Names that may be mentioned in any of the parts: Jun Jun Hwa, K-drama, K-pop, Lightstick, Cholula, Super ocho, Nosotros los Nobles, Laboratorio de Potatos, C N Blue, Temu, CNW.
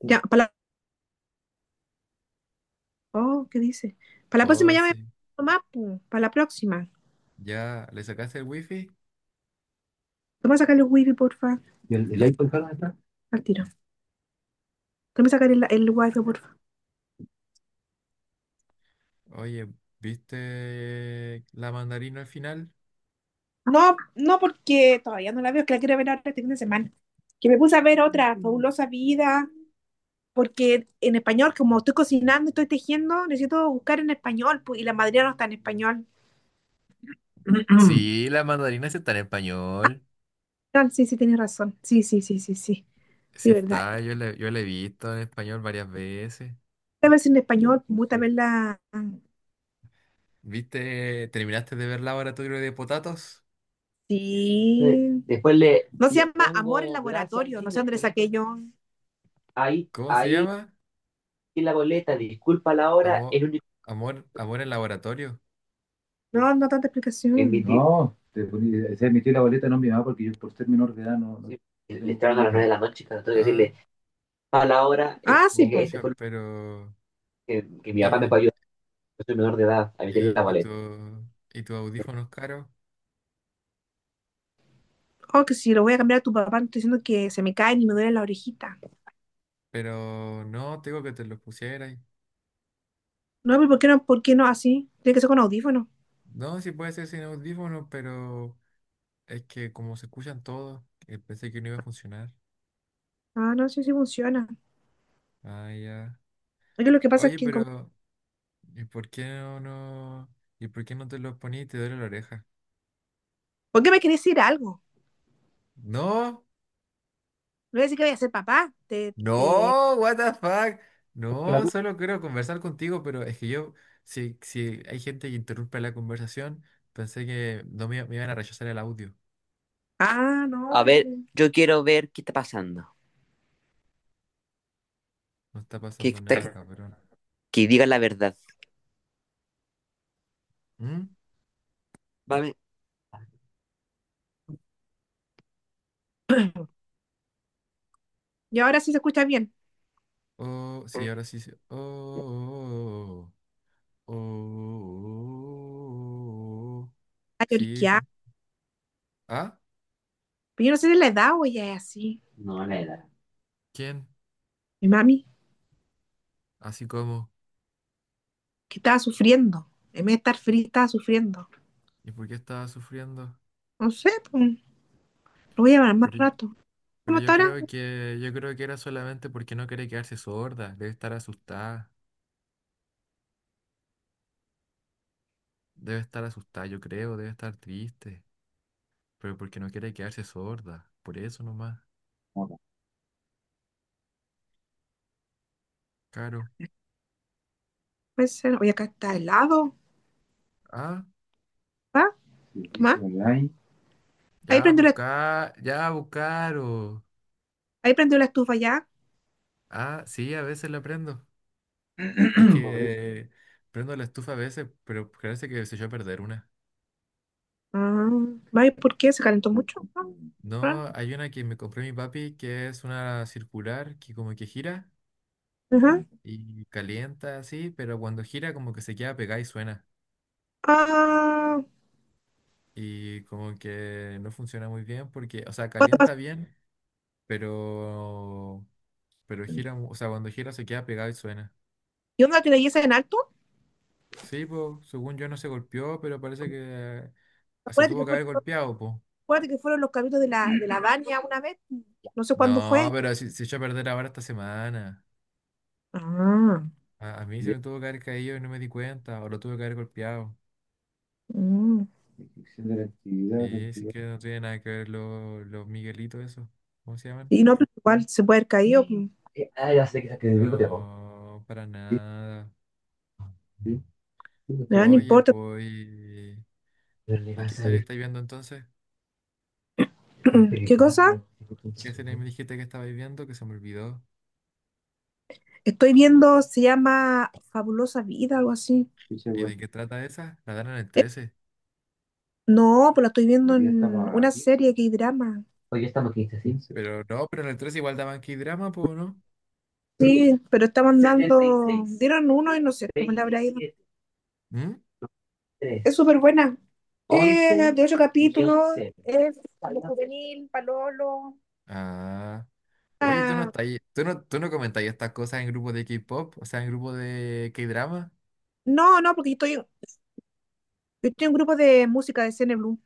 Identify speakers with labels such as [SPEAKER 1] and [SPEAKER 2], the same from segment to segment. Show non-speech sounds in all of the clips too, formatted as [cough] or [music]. [SPEAKER 1] Ya, para la... Oh, ¿qué dice? Para la próxima
[SPEAKER 2] Oh,
[SPEAKER 1] ya me
[SPEAKER 2] sí.
[SPEAKER 1] más, para la próxima.
[SPEAKER 2] ¿Ya le sacaste el wifi?
[SPEAKER 1] Toma sacar el wifi, porfa. ¿Y el iPhone acá está? Al tiro. Toma sacar el wifi, porfa.
[SPEAKER 2] Oye, ¿viste la mandarina al final?
[SPEAKER 1] No, porque todavía no la veo, que la quiero ver ahora este fin de semana. Que me puse a ver otra, Fabulosa Vida, porque en español, como estoy cocinando, estoy tejiendo, necesito buscar en español, pues, y la madrina no está en español. Mm.
[SPEAKER 2] Sí, la mandarina sí está en
[SPEAKER 1] Ah,
[SPEAKER 2] español.
[SPEAKER 1] no, sí, tienes razón. Sí, sí, sí, sí, sí.
[SPEAKER 2] Sí
[SPEAKER 1] Sí, verdad.
[SPEAKER 2] está,
[SPEAKER 1] Yo
[SPEAKER 2] yo la he visto en español varias veces.
[SPEAKER 1] voy a ver si en español, me gusta ver la.
[SPEAKER 2] ¿Viste? ¿Terminaste de ver Laboratorio de Potatos?
[SPEAKER 1] Sí. Después le, no se le llama Amor en Laboratorio, gracias, no sé dónde le saqué yo. Ahí,
[SPEAKER 2] ¿Cómo se
[SPEAKER 1] ahí
[SPEAKER 2] llama?
[SPEAKER 1] en la boleta, disculpa la hora,
[SPEAKER 2] Amor,
[SPEAKER 1] el único.
[SPEAKER 2] amor, amor en laboratorio.
[SPEAKER 1] No, no tanta explicación. Emití. No, te poní- se emitió la boleta no mi mamá porque yo por ser menor de edad no, no- Sí. Le estaban a las 9 de la noche, claro, tengo que
[SPEAKER 2] Ah,
[SPEAKER 1] decirle, a la hora. Ah, sí, este, po. Este
[SPEAKER 2] pucha,
[SPEAKER 1] fue
[SPEAKER 2] pero...
[SPEAKER 1] que mi papá me
[SPEAKER 2] ¿Y,
[SPEAKER 1] pagó, yo soy menor de edad, a meterle
[SPEAKER 2] y,
[SPEAKER 1] la
[SPEAKER 2] y tu,
[SPEAKER 1] boleta.
[SPEAKER 2] y tus audífonos caros?
[SPEAKER 1] Oh, que si lo voy a cambiar a tu papá, no estoy diciendo que se me caen y me duele la orejita.
[SPEAKER 2] Pero no, tengo que te los pusieras.
[SPEAKER 1] No, pero ¿por qué no? ¿Por qué no así? Tiene que ser con audífono.
[SPEAKER 2] No, sí puede ser sin audífonos, pero es que como se escuchan todos, pensé que no iba a funcionar.
[SPEAKER 1] Ah, no, sí, sí funciona.
[SPEAKER 2] Ah, ya.
[SPEAKER 1] Porque lo que pasa es
[SPEAKER 2] Oye,
[SPEAKER 1] que, como-
[SPEAKER 2] pero ¿y por qué no, no? ¿Y por qué no te los poní y te duele la oreja?
[SPEAKER 1] ¿por qué me querés decir algo?
[SPEAKER 2] No,
[SPEAKER 1] No voy a decir que voy a ser papá. Te...
[SPEAKER 2] no, what the fuck.
[SPEAKER 1] La
[SPEAKER 2] No,
[SPEAKER 1] tu-
[SPEAKER 2] solo quiero conversar contigo, pero es que yo, si hay gente que interrumpe la conversación, pensé que no me iban a rechazar el audio.
[SPEAKER 1] Ah, no. A ver. Yo quiero ver qué está pasando.
[SPEAKER 2] No está
[SPEAKER 1] Que,
[SPEAKER 2] pasando nada,
[SPEAKER 1] está-
[SPEAKER 2] cabrón.
[SPEAKER 1] que diga la verdad.
[SPEAKER 2] ¿Mm?
[SPEAKER 1] Vale. [clears throat] Y ahora sí se escucha bien.
[SPEAKER 2] Oh, sí, ahora sí. Oh, oh, oh, oh. Oh, oh, oh. Oh,
[SPEAKER 1] Está
[SPEAKER 2] sí, sí.
[SPEAKER 1] lloriqueada.
[SPEAKER 2] ¿Ah?
[SPEAKER 1] Pero yo no sé de la edad o ya es así. No, la edad.
[SPEAKER 2] ¿Quién?
[SPEAKER 1] Mi mami,
[SPEAKER 2] ¿Así como?
[SPEAKER 1] que estaba sufriendo. En vez de estar fría, estaba sufriendo.
[SPEAKER 2] ¿Y por qué estaba sufriendo?
[SPEAKER 1] No sé, pues, lo voy a llevar más
[SPEAKER 2] Pero,
[SPEAKER 1] rato.
[SPEAKER 2] pero
[SPEAKER 1] ¿Cómo está
[SPEAKER 2] yo
[SPEAKER 1] ahora?
[SPEAKER 2] creo que yo creo que era solamente porque no quería quedarse sorda. Debe estar asustada. Debe estar asustada, yo creo. Debe estar triste. Pero porque no quiere quedarse sorda. Por eso nomás.
[SPEAKER 1] Hola.
[SPEAKER 2] Caro.
[SPEAKER 1] Puede ser. Oye, acá está helado.
[SPEAKER 2] Ah,
[SPEAKER 1] ¿Va? Sí, ¿más? Hola, ahí. Ahí prendió la,
[SPEAKER 2] ya buscaro.
[SPEAKER 1] ahí prendió la estufa ya.
[SPEAKER 2] Ah, sí, a veces la prendo. Es
[SPEAKER 1] [clears throat]
[SPEAKER 2] que prendo la estufa a veces, pero parece que se echó a perder una.
[SPEAKER 1] Ah, vaya, ¿por qué? ¿Se calentó mucho? Ah, raro.
[SPEAKER 2] No, hay una que me compró mi papi que es una circular que como que gira
[SPEAKER 1] Ajá.
[SPEAKER 2] y calienta así, pero cuando gira como que se queda pegada y suena.
[SPEAKER 1] Ah,
[SPEAKER 2] Y como que no funciona muy bien porque, o sea,
[SPEAKER 1] cuando pasó-
[SPEAKER 2] calienta bien, pero, pero gira, o sea, cuando gira se queda pegada y suena.
[SPEAKER 1] ¿y onda que la hice en alto?
[SPEAKER 2] Sí, pues, según yo no se golpeó, pero parece que se
[SPEAKER 1] Acuérdate
[SPEAKER 2] tuvo
[SPEAKER 1] que
[SPEAKER 2] que haber
[SPEAKER 1] fueron,
[SPEAKER 2] golpeado, pues.
[SPEAKER 1] acuérdate que fueron los cabritos de la Vania una vez. No sé cuándo fue.
[SPEAKER 2] No, pero si se echó a perder ahora esta semana.
[SPEAKER 1] Ah,
[SPEAKER 2] A mí se
[SPEAKER 1] ya.
[SPEAKER 2] me tuvo que haber caído y no me di cuenta, o lo tuve que haber golpeado.
[SPEAKER 1] Mm. Descripción de la actividad, la
[SPEAKER 2] Sí, sí
[SPEAKER 1] actividad.
[SPEAKER 2] que no tiene nada que ver los Miguelitos, esos. ¿Cómo se llaman?
[SPEAKER 1] Y no, pero igual se puede haber caído, pues. Ya sé que se quedó copiado.
[SPEAKER 2] No, para
[SPEAKER 1] Sí,
[SPEAKER 2] nada.
[SPEAKER 1] sí. Ya, no
[SPEAKER 2] Oye,
[SPEAKER 1] importa.
[SPEAKER 2] pues. ¿Y
[SPEAKER 1] Pero le va a
[SPEAKER 2] qué serie
[SPEAKER 1] salir.
[SPEAKER 2] estáis viendo entonces?
[SPEAKER 1] [clears throat] ¿Qué película, cosa?
[SPEAKER 2] ¿Qué serie
[SPEAKER 1] Película.
[SPEAKER 2] me dijiste que estabais viendo que se me olvidó?
[SPEAKER 1] Estoy viendo, se llama Fabulosa Vida, algo así. Ficha,
[SPEAKER 2] ¿Y
[SPEAKER 1] bueno.
[SPEAKER 2] de qué trata esa? La dan en el 13.
[SPEAKER 1] No, pues la estoy viendo. Hoy día en estamos a una aquí. Serie, que drama. Hoy día estamos 15, 15.
[SPEAKER 2] Pero no, pero en el 13 igual daban K-drama, pues, ¿no?
[SPEAKER 1] Sí, pero estaban dando, 76, dieron uno y no sé cómo le habrá ido. 27,
[SPEAKER 2] ¿Mm?
[SPEAKER 1] es súper buena. 11. Once de ocho y capítulos, 11. Es algo juvenil, palolo. Sí.
[SPEAKER 2] Ah. Oye, ¿tú no
[SPEAKER 1] Ah,
[SPEAKER 2] estás tú no comentáis estas cosas en grupos de K-pop? O sea, en grupos de K-drama.
[SPEAKER 1] no, porque yo estoy en un grupo de música de Cine Blue.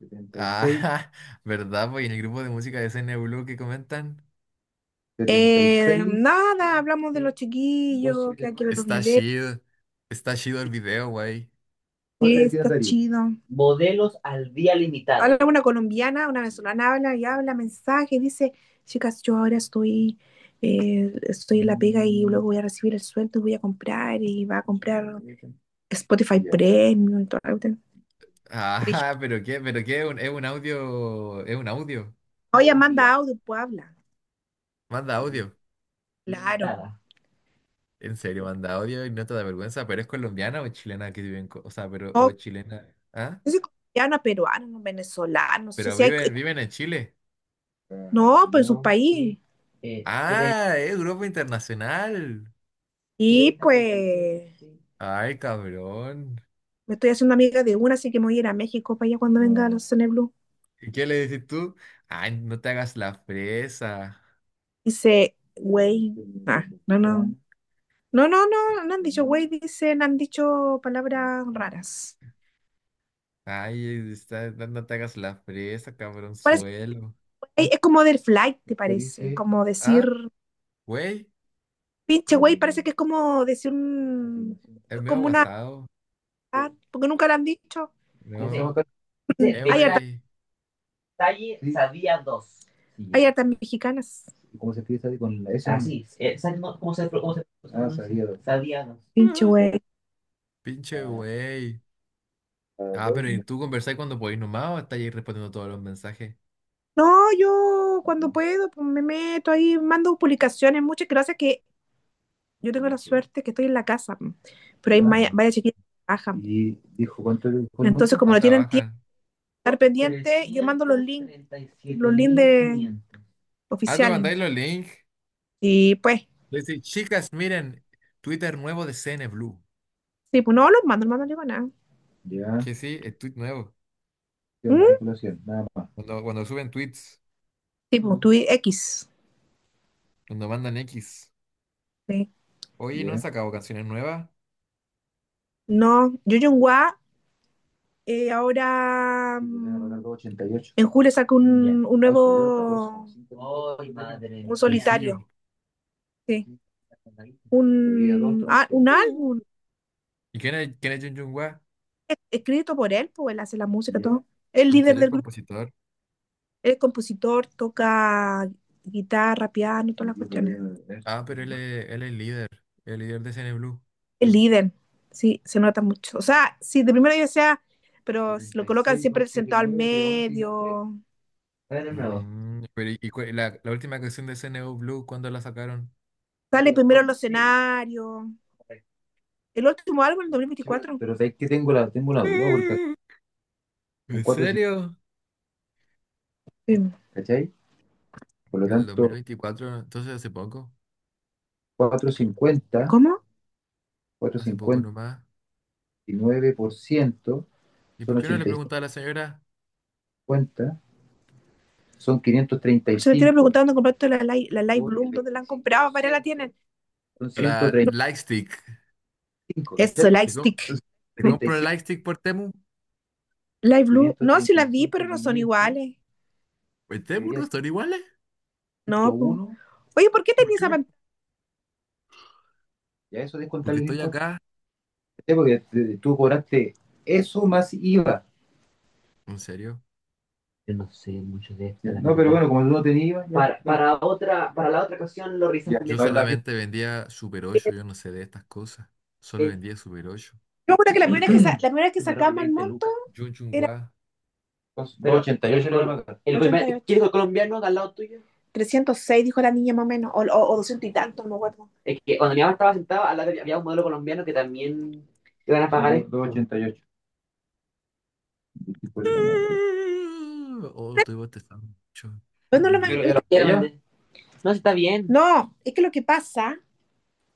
[SPEAKER 1] 76.
[SPEAKER 2] Ah, [laughs] ¿verdad? Pues y en el grupo de música de CNW que comentan.
[SPEAKER 1] Setenta y seis. Nada, hablamos de los chiquillos, que de hay que ver los
[SPEAKER 2] Está
[SPEAKER 1] noviembre.
[SPEAKER 2] chido, está chido el video, güey.
[SPEAKER 1] Sí, está chido. Modelos al día limitado. Habla una colombiana, una venezolana, habla y habla mensajes, dice, chicas, yo ahora estoy, estoy en la pega y luego voy a recibir el sueldo y voy a comprar y va a comprar Spotify. Ya. Premium y todo.
[SPEAKER 2] Ajá, [laughs] pero qué, es un audio, es un audio.
[SPEAKER 1] Oye, manda audio, pues habla.
[SPEAKER 2] Manda
[SPEAKER 1] Yeah.
[SPEAKER 2] audio.
[SPEAKER 1] Claro. Nada.
[SPEAKER 2] En serio, manda audio y no te da vergüenza, pero es colombiana o es chilena que viven, o sea, pero, o
[SPEAKER 1] No
[SPEAKER 2] es chilena, ¿ah?
[SPEAKER 1] sé, colombiana, peruana, no, venezolana, no sé
[SPEAKER 2] Pero
[SPEAKER 1] si hay,
[SPEAKER 2] viven en Chile.
[SPEAKER 1] no, pues no, su. No, país. Sí. Tres-
[SPEAKER 2] Ah, es grupo internacional.
[SPEAKER 1] Y pues, sí.
[SPEAKER 2] Ay, cabrón.
[SPEAKER 1] Me estoy haciendo amiga de una, así que me voy a ir a México para allá cuando venga a los Cine Blue.
[SPEAKER 2] ¿Y qué le decís tú? Ay, no te hagas la fresa.
[SPEAKER 1] Dice, güey, ah, no, no han dicho güey, dicen, han dicho palabras raras.
[SPEAKER 2] Ay, está, no no te hagas la fresa, cabrón
[SPEAKER 1] Parece,
[SPEAKER 2] suelo.
[SPEAKER 1] güey, es como del flight, te parece, como decir,
[SPEAKER 2] Ah, güey,
[SPEAKER 1] pinche güey, parece que es como decir un,
[SPEAKER 2] es medio
[SPEAKER 1] como una,
[SPEAKER 2] aguasado.
[SPEAKER 1] ah, porque nunca lo han dicho. ¿Cómo
[SPEAKER 2] No. Güey.
[SPEAKER 1] Talle Sí. Sadía 2. Sí. Hay hartas mexicanas. ¿Cómo se pide Sadie con la S? Así, no? ¿Cómo se cómo se- Ah, sabía dos. Sadía 2. Pinche
[SPEAKER 2] [laughs]
[SPEAKER 1] güey.
[SPEAKER 2] Pinche güey.
[SPEAKER 1] Ah,
[SPEAKER 2] Ah, pero ¿y tú conversáis cuando podéis nomás o estáis ahí respondiendo todos los mensajes?
[SPEAKER 1] no, yo cuando puedo pues, me meto ahí, mando publicaciones. Muchas gracias que yo tengo la suerte que estoy en la casa. Mm. Pero hay, ya, maya-
[SPEAKER 2] Mm.
[SPEAKER 1] varias chiquillas que trabajan. Y dijo, ¿cuánto le dijo? Entonces, como
[SPEAKER 2] Ah,
[SPEAKER 1] no tienen tiempo
[SPEAKER 2] trabajan.
[SPEAKER 1] de estar pendiente, trescientos, yo mando los links, los links de-
[SPEAKER 2] Ah, te
[SPEAKER 1] oficiales.
[SPEAKER 2] mandáis los links.
[SPEAKER 1] Y pues,
[SPEAKER 2] Le decís, chicas, miren, Twitter nuevo de CNBLUE.
[SPEAKER 1] sí, pues no los mando, no mando yo nada. Ya.
[SPEAKER 2] Que sí, es tweet nuevo.
[SPEAKER 1] ¿Mm? Manipulación, nada más.
[SPEAKER 2] Cuando suben tweets,
[SPEAKER 1] Tipo, tu X.
[SPEAKER 2] cuando mandan X.
[SPEAKER 1] ¿Sí?
[SPEAKER 2] Oye, ¿no han
[SPEAKER 1] Yeah.
[SPEAKER 2] sacado canciones nuevas?
[SPEAKER 1] No, Yo Jung, ahora 88. En julio saca un, yeah, un nuevo, ay, un solitario,
[SPEAKER 2] Sencillo. [laughs]
[SPEAKER 1] sí, un, ah, un
[SPEAKER 2] Mm.
[SPEAKER 1] álbum
[SPEAKER 2] ¿Y quién es Jun Jun Hwa?
[SPEAKER 1] e, escrito por él, pues él hace la música, ya, todo. El
[SPEAKER 2] ¿En
[SPEAKER 1] líder
[SPEAKER 2] serio es
[SPEAKER 1] del grupo,
[SPEAKER 2] compositor?
[SPEAKER 1] el compositor, toca guitarra, piano, todas las cuestiones.
[SPEAKER 2] Ah, pero él es líder. El líder de CNBLUE.
[SPEAKER 1] El líder, sí, se nota mucho. O sea, sí, de primero ya sea, pero lo colocan siempre sentado al medio.
[SPEAKER 2] Mm, pero ¿la última canción de CNU Blue, cuándo la sacaron?
[SPEAKER 1] Sale primero en los escenarios. El último álbum, el dos mil veinticuatro. Pero sabéis que tengo la, tengo una duda porque acá son
[SPEAKER 2] ¿En
[SPEAKER 1] 4.50,
[SPEAKER 2] serio?
[SPEAKER 1] sí. ¿Cachai? Por lo
[SPEAKER 2] El
[SPEAKER 1] tanto,
[SPEAKER 2] 2024, entonces hace poco,
[SPEAKER 1] cuatro cincuenta. ¿Cómo?
[SPEAKER 2] hace
[SPEAKER 1] Cuatrocientos
[SPEAKER 2] poco
[SPEAKER 1] cincuenta
[SPEAKER 2] nomás.
[SPEAKER 1] y nueve por ciento
[SPEAKER 2] ¿Y por
[SPEAKER 1] son
[SPEAKER 2] qué no le
[SPEAKER 1] ochocientos
[SPEAKER 2] preguntaba a la señora
[SPEAKER 1] cincuenta, son quinientos treinta y cinco. Se me estoy 535, preguntando, ¿compraste la Light Bloom? ¿Dónde la han comprado? ¿Para la tienen? Son ciento
[SPEAKER 2] la
[SPEAKER 1] treinta
[SPEAKER 2] Lightstick?
[SPEAKER 1] 35, eso, ¿viste?
[SPEAKER 2] ¿Te, com-
[SPEAKER 1] Lightstick.
[SPEAKER 2] te compro el
[SPEAKER 1] 35
[SPEAKER 2] Lightstick por Temu?
[SPEAKER 1] Light Blue. No, sí la vi, pero no son iguales.
[SPEAKER 2] ¿Por Temu
[SPEAKER 1] Debería
[SPEAKER 2] no
[SPEAKER 1] ser.
[SPEAKER 2] son iguales?
[SPEAKER 1] No, po. Oye, ¿por qué
[SPEAKER 2] ¿Por
[SPEAKER 1] tenía
[SPEAKER 2] qué?
[SPEAKER 1] esa pantalla? Y a eso descontar
[SPEAKER 2] Porque
[SPEAKER 1] el
[SPEAKER 2] estoy
[SPEAKER 1] impuesto.
[SPEAKER 2] acá,
[SPEAKER 1] ¿Eh? Porque tú cobraste eso más IVA.
[SPEAKER 2] en serio.
[SPEAKER 1] Yo no sé mucho de esto. No, pero bueno, como tú no tenías IVA, ya- para otra, para la otra ocasión lo revisamos.
[SPEAKER 2] Yo solamente vendía Super 8, yo no sé de estas cosas. Solo vendía
[SPEAKER 1] Yo
[SPEAKER 2] Super 8.
[SPEAKER 1] me que la primera vez que, sa- la primera vez que sacamos el monto.
[SPEAKER 2] Jun Jun Hwa.
[SPEAKER 1] Pero ochenta y ocho el, le marcaron. El primer- 88. ¿Quién dijo el colombiano de al lado tuyo? 306 dijo la niña más o menos, o 200 y tanto, no me acuerdo. Es que cuando mi mamá estaba sentada, al lado había un modelo colombiano que también iban a pagar esto. Ochenta y ocho. Pues
[SPEAKER 2] Oh, estoy bostezando mucho.
[SPEAKER 1] no
[SPEAKER 2] Jun
[SPEAKER 1] lo man-
[SPEAKER 2] Jun Hwa.
[SPEAKER 1] No, si está bien. No, es que lo que pasa,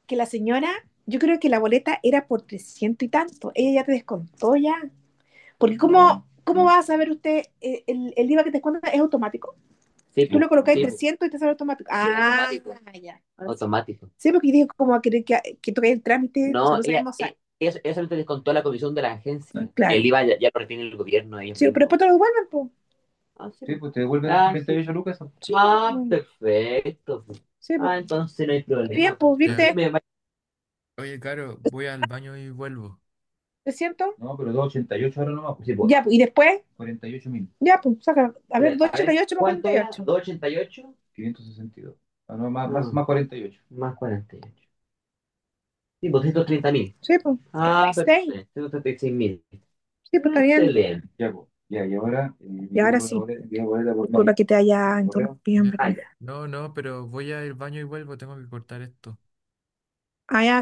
[SPEAKER 1] que la señora, yo creo que la boleta era por 300 y tanto, ella ya te descontó ya. Porque ¿cómo, cómo va a saber usted, el IVA que te descuentan es automático? Sí, tú lo colocas en sí, 300 y te sale automático. Sí. Ah, automático. Ya. Ahora sí, automático. Sí, porque dije como a querer que toque el trámite, no. No, ella- sabemos. E- eso lo descontó la comisión de la agencia. Claro. El IVA ya, ya lo retiene el gobierno. Ellos, sí, pero mismos, después te lo devuelven, pues. Ah, sí. Sí, pues te devuelven, ah, 38 lucas, eso. Sí, ah, po, perfecto. Sí, po. Ah, entonces no hay problema. Bien, problema, pues.
[SPEAKER 2] Ya.
[SPEAKER 1] Entonces ¿viste? Me va-
[SPEAKER 2] Oye, claro, voy al baño y vuelvo.
[SPEAKER 1] ¿300? No, pero 288 ahora nomás. Pues sí, pues, ya, pues, y después, 48 mil, ya, pues, saca. A ver, 288 más cuarenta y ocho doscientos ochenta y ocho era? 48. 288 562. Ah, no, más, ah, más, más 48, más cuarenta y ocho. Sí, pues ciento treinta mil. Sí, pues, ah, ciento treinta y seis mil, sí, pues está bien. Excelente. Ya, pues. Ya, y ahora. Y ahora sí, volver- Disculpa que te haya interrumpido, en
[SPEAKER 2] ¿Ya?
[SPEAKER 1] verdad. Ah, ya.
[SPEAKER 2] No, no, pero voy al baño y vuelvo, tengo que cortar esto.
[SPEAKER 1] Ah, ya,